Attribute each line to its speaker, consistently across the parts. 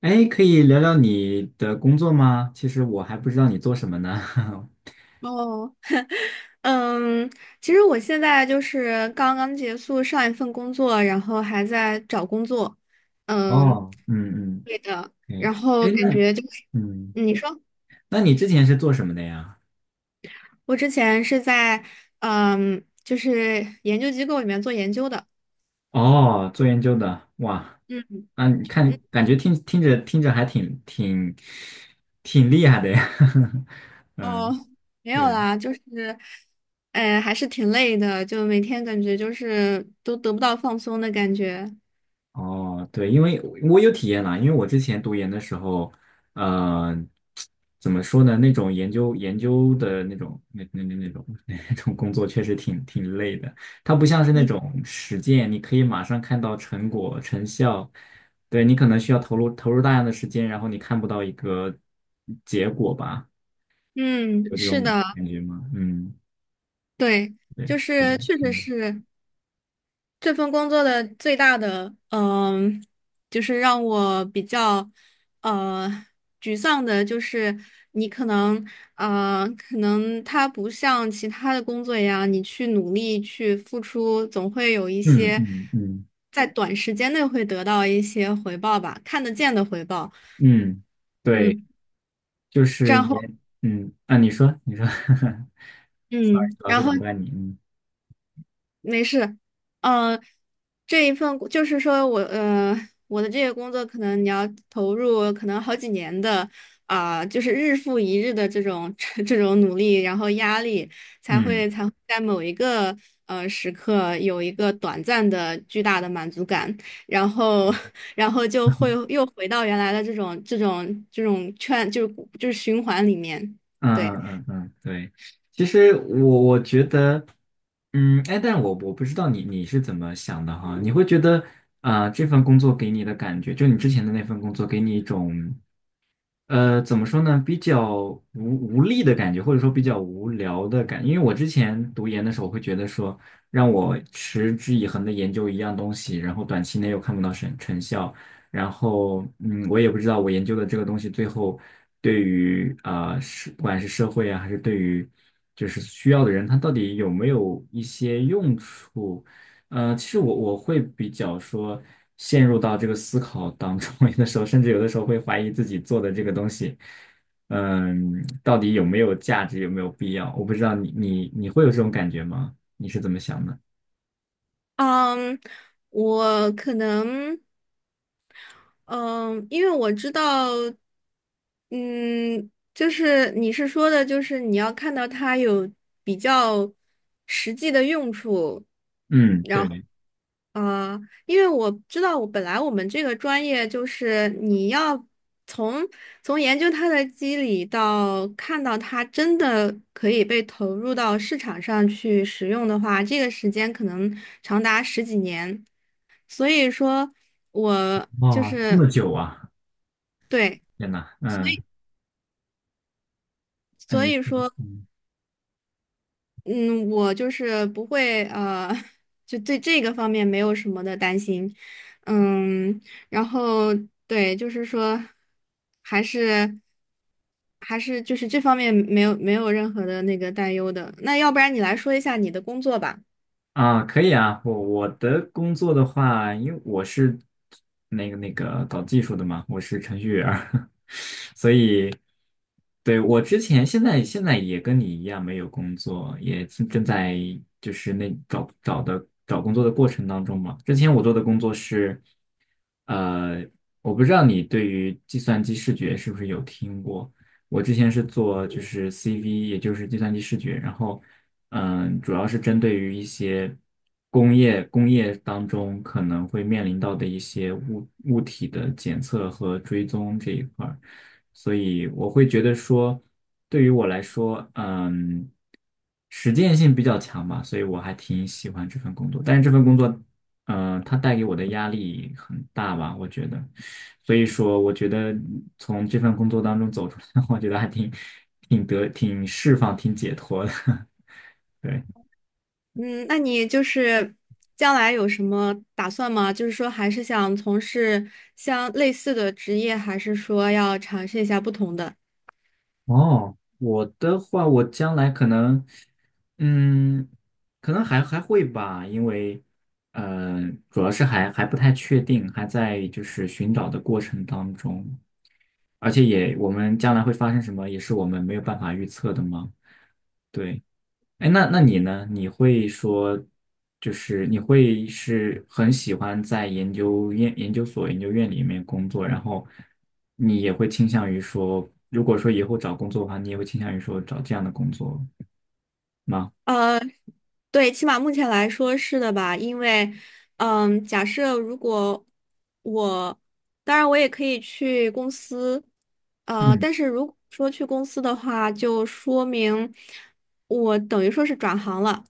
Speaker 1: 哎，可以聊聊你的工作吗？其实我还不知道你做什么呢。
Speaker 2: 哦，嗯，其实我现在就是刚刚结束上一份工作，然后还在找工作，嗯，
Speaker 1: 哦，嗯
Speaker 2: 对的，
Speaker 1: 嗯，
Speaker 2: 然
Speaker 1: 哎，
Speaker 2: 后
Speaker 1: 哎，
Speaker 2: 感觉就是，
Speaker 1: 嗯，
Speaker 2: 嗯你说
Speaker 1: 那你之前是做什么的呀？
Speaker 2: 我之前是在就是研究机构里面做研究的，
Speaker 1: 哦，做研究的，哇，
Speaker 2: 嗯
Speaker 1: 啊，你看，
Speaker 2: 嗯，
Speaker 1: 感觉听着听着还挺厉害的呀。
Speaker 2: 哦，
Speaker 1: 嗯，
Speaker 2: 没有
Speaker 1: 对，
Speaker 2: 啦，就是，还是挺累的，就每天感觉就是都得不到放松的感觉，
Speaker 1: 哦，对，因为我有体验啦，因为我之前读研的时候，呃，怎么说呢？那种研究研究的那种 那种工作确实挺累的。它不像是那
Speaker 2: 嗯
Speaker 1: 种实践，你可以马上看到成果成效。对，你可能需要投入大量的时间，然后你看不到一个结果吧？
Speaker 2: 嗯，
Speaker 1: 有这
Speaker 2: 是
Speaker 1: 种
Speaker 2: 的，
Speaker 1: 感觉吗？嗯，
Speaker 2: 对。
Speaker 1: 对，
Speaker 2: 就
Speaker 1: 是的，
Speaker 2: 是确实
Speaker 1: 嗯
Speaker 2: 是，这份工作的最大的，就是让我比较，呃，沮丧的，就是你可能，可能它不像其他的工作一样，你去努力去付出，总会有一
Speaker 1: 嗯
Speaker 2: 些
Speaker 1: 嗯嗯
Speaker 2: 在短时间内会得到一些回报吧，看得见的回报。
Speaker 1: 嗯，对。
Speaker 2: 嗯，
Speaker 1: 就是
Speaker 2: 然后，
Speaker 1: 也嗯啊，你说 ，sorry，
Speaker 2: 嗯，
Speaker 1: 老是
Speaker 2: 然
Speaker 1: 打
Speaker 2: 后。
Speaker 1: 断你，嗯
Speaker 2: 没事，呃，这一份就是说我我的这个工作可能你要投入可能好几年的就是日复一日的这种 这种努力，然后压力才
Speaker 1: 嗯
Speaker 2: 会才会在某一个时刻有一个短暂的巨大的满足感，然后 然后就会又回到原来的这种圈就是循环里面，
Speaker 1: 嗯
Speaker 2: 对，
Speaker 1: 嗯嗯，嗯对，其实我觉得，嗯，哎，但我不知道你是怎么想的哈，你会觉得这份工作给你的感觉，就你之前的那份工作给你一种。怎么说呢？比较无力的感觉，或者说比较无聊的感觉。因为我之前读研的时候，会觉得说，让我持之以恒的研究一样东西，然后短期内又看不到成效，然后我也不知道我研究的这个东西最后对于是不管是社会啊，还是对于就是需要的人，他到底有没有一些用处。其实我会比较说陷入到这个思考当中，有的时候甚至有的时候会怀疑自己做的这个东西，嗯，到底有没有价值，有没有必要？我不知道你会有这种感觉吗？你是怎么想的？
Speaker 2: 嗯，我可能。嗯，因为我知道，嗯，就是你是说的，就是你要看到它有比较实际的用处，
Speaker 1: 嗯，
Speaker 2: 然后
Speaker 1: 对，
Speaker 2: 啊，因为我知道，我本来我们这个专业就是你要从从研究它的机理到看到它真的可以被投入到市场上去使用的话，这个时间可能长达十几年，所以说我。
Speaker 1: 哇，这么久啊，
Speaker 2: 对，
Speaker 1: 天呐，
Speaker 2: 所
Speaker 1: 嗯
Speaker 2: 以
Speaker 1: 嗯，
Speaker 2: 所
Speaker 1: 你
Speaker 2: 以
Speaker 1: 说
Speaker 2: 说，
Speaker 1: 嗯
Speaker 2: 嗯，我就是不会,就对这个方面没有什么的担心，嗯，然后对，就是说，还是还是就是这方面没有没有任何的那个担忧的。那要不然你来说一下你的工作吧，
Speaker 1: 啊，可以啊，我的工作的话，因为我是那个搞技术的嘛，我是程序员儿，所以对我之前现在也跟你一样没有工作，也正在就是那找找的找工作的过程当中嘛。之前我做的工作是，呃，我不知道你对于计算机视觉是不是有听过。我之前是做就是 CV，也就是计算机视觉，然后主要是针对于一些工业当中可能会面临到的一些物体的检测和追踪这一块儿，所以我会觉得说，对于我来说，实践性比较强吧，所以我还挺喜欢这份工作。但是这份工作，它带给我的压力很大吧，我觉得，所以说我觉得从这份工作当中走出来，我觉得还挺释放、挺解脱的，对。
Speaker 2: 嗯，那你就是将来有什么打算吗？就是说还是想从事像类似的职业，还是说要尝试一下不同的？
Speaker 1: 哦，我的话，我将来可能，嗯，可能还会吧，因为，呃，主要是还不太确定，还在就是寻找的过程当中，而且也我们将来会发生什么，也是我们没有办法预测的嘛。对，哎，那你呢？你会说，就是你会是很喜欢在研究院、研究所、研究院里面工作，然后你也会倾向于说，如果说以后找工作的话，你也会倾向于说找这样的工作吗？
Speaker 2: 呃，对，起码目前来说是的吧，因为，嗯，假设如果我，当然我也可以去公司，
Speaker 1: 嗯，
Speaker 2: 但是如果说去公司的话，就说明我等于说是转行了，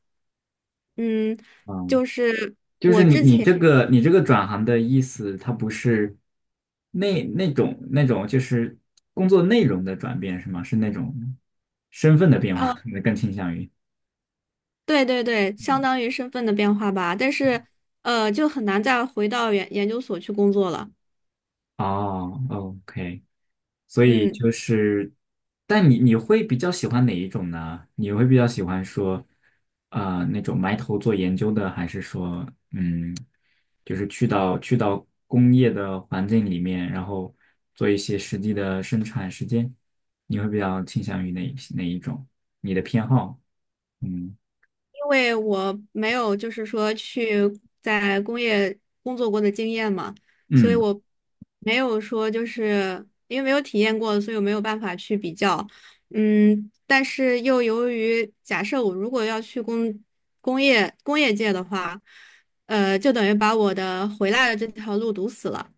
Speaker 2: 嗯，
Speaker 1: 嗯，
Speaker 2: 就是，
Speaker 1: 就是你这个转行的意思，它不是那种就是工作内容的转变是吗？是那种身份的变化，
Speaker 2: 呃，
Speaker 1: 你更倾向于。
Speaker 2: 对对对，相当于身份的变化吧，但是，就很难再回到研究所去工作了，
Speaker 1: 哦，OK，所以
Speaker 2: 嗯。
Speaker 1: 就是，但你会比较喜欢哪一种呢？你会比较喜欢说，那种埋头做研究的，还是说，嗯，就是去到工业的环境里面，然后做一些实际的生产时间？你会比较倾向于哪一种？你的偏好？嗯
Speaker 2: 因为我没有就是说去在工业工作过的经验嘛，所以
Speaker 1: 嗯
Speaker 2: 我没有说就是因为没有体验过，所以我没有办法去比较。嗯，但是又由于假设我如果要去工业界的话，就等于把我的回来的这条路堵死了。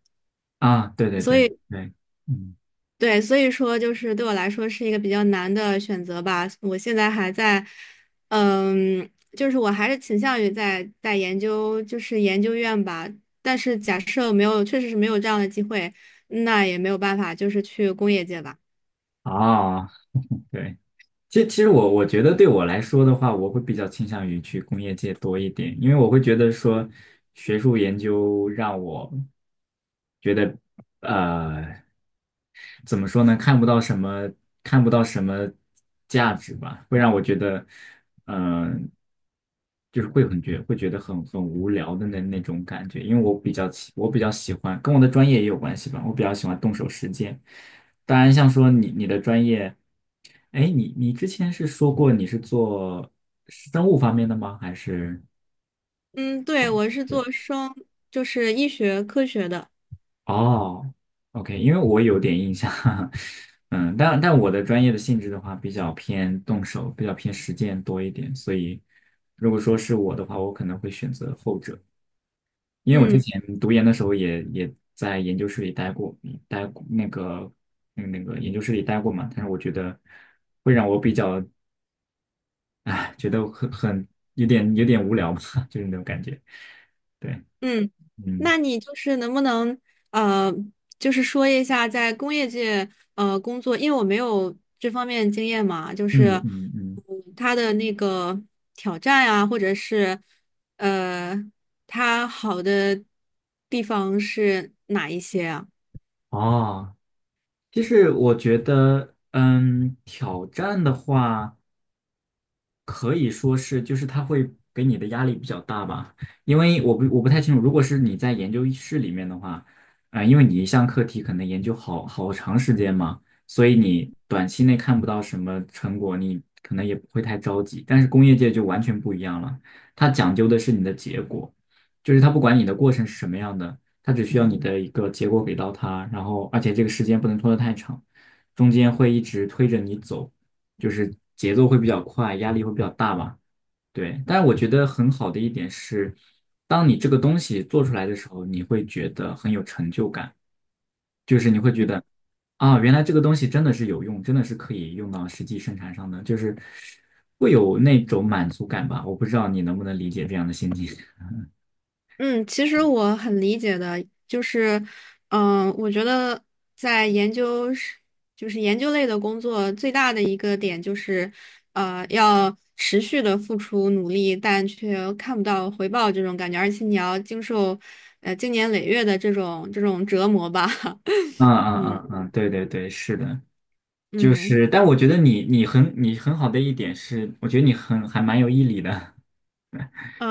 Speaker 1: 啊，对对
Speaker 2: 所
Speaker 1: 对
Speaker 2: 以。
Speaker 1: 对，嗯
Speaker 2: 对，所以说就是对我来说是一个比较难的选择吧。我现在还在，嗯，就是我还是倾向于在研究，就是研究院吧。但是假设没有，确实是没有这样的机会，那也没有办法，就是去工业界吧。
Speaker 1: 啊，对。其实我觉得对我来说的话，我会比较倾向于去工业界多一点，因为我会觉得说，学术研究让我觉得，呃，怎么说呢？看不到什么，看不到什么价值吧，会让我觉得，嗯、就是会觉得很无聊的那种感觉。因为我比较喜欢，跟我的专业也有关系吧。我比较喜欢动手实践。当然，像说你的专业，哎，你之前是说过你是做生物方面的吗？还是？
Speaker 2: 嗯，对，我是做生，就是医学科学的。
Speaker 1: 哦，OK，因为我有点印象，嗯，但我的专业的性质的话，比较偏动手，比较偏实践多一点，所以如果说是我的话，我可能会选择后者，因为我之
Speaker 2: 嗯。
Speaker 1: 前读研的时候也在研究室里待过，待过那个研究室里待过嘛，但是我觉得会让我比较，哎，觉得很很有点有点无聊吧，就是那种感觉，对，
Speaker 2: 嗯，
Speaker 1: 嗯
Speaker 2: 那你就是能不能呃，就是说一下在工业界工作，因为我没有这方面经验嘛，就是
Speaker 1: 嗯嗯嗯，
Speaker 2: 嗯，它的那个挑战啊，或者是呃，它好的地方是哪一些啊？
Speaker 1: 哦。其实我觉得，挑战的话，可以说是，就是他会给你的压力比较大吧，因为我不太清楚，如果是你在研究室里面的话，因为你一项课题可能研究好长时间嘛，所以你短期内看不到什么成果，你可能也不会太着急。但是工业界就完全不一样了，它讲究的是你的结果，就是它不管你的过程是什么样的，它只需要你的一个结果给到它，然后而且这个时间不能拖得太长，中间会一直推着你走。就是节奏会比较快，压力会比较大吧。对，但是我觉得很好的一点是，当你这个东西做出来的时候，你会觉得很有成就感，就是你会觉得啊，原来这个东西真的是有用，真的是可以用到实际生产上的，就是会有那种满足感吧。我不知道你能不能理解这样的心情。
Speaker 2: 嗯，其实我很理解的，就是，我觉得在研究是，就是研究类的工作最大的一个点就是，要持续的付出努力，但却看不到回报这种感觉，而且你要经受，经年累月的这种这种折磨吧。
Speaker 1: 嗯 嗯
Speaker 2: 嗯
Speaker 1: 嗯嗯，对对对，是的，就
Speaker 2: 嗯
Speaker 1: 是，但我觉得你很好的一点是，我觉得你还蛮有毅力的，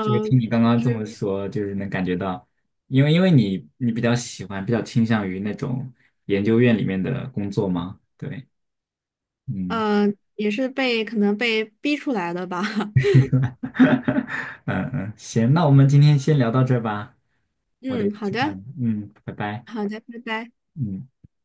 Speaker 1: 就是听你刚
Speaker 2: 就
Speaker 1: 刚这么
Speaker 2: 是
Speaker 1: 说，就是能感觉到，因为你比较喜欢，比较倾向于那种研究院里面的工作吗？对，嗯，
Speaker 2: 呃，也是被可能被逼出来的吧。
Speaker 1: 嗯嗯，行，那我们今天先聊到这儿吧，我得
Speaker 2: 嗯，好
Speaker 1: 去办
Speaker 2: 的
Speaker 1: 了，嗯，拜拜，
Speaker 2: 好的，拜拜。
Speaker 1: 嗯。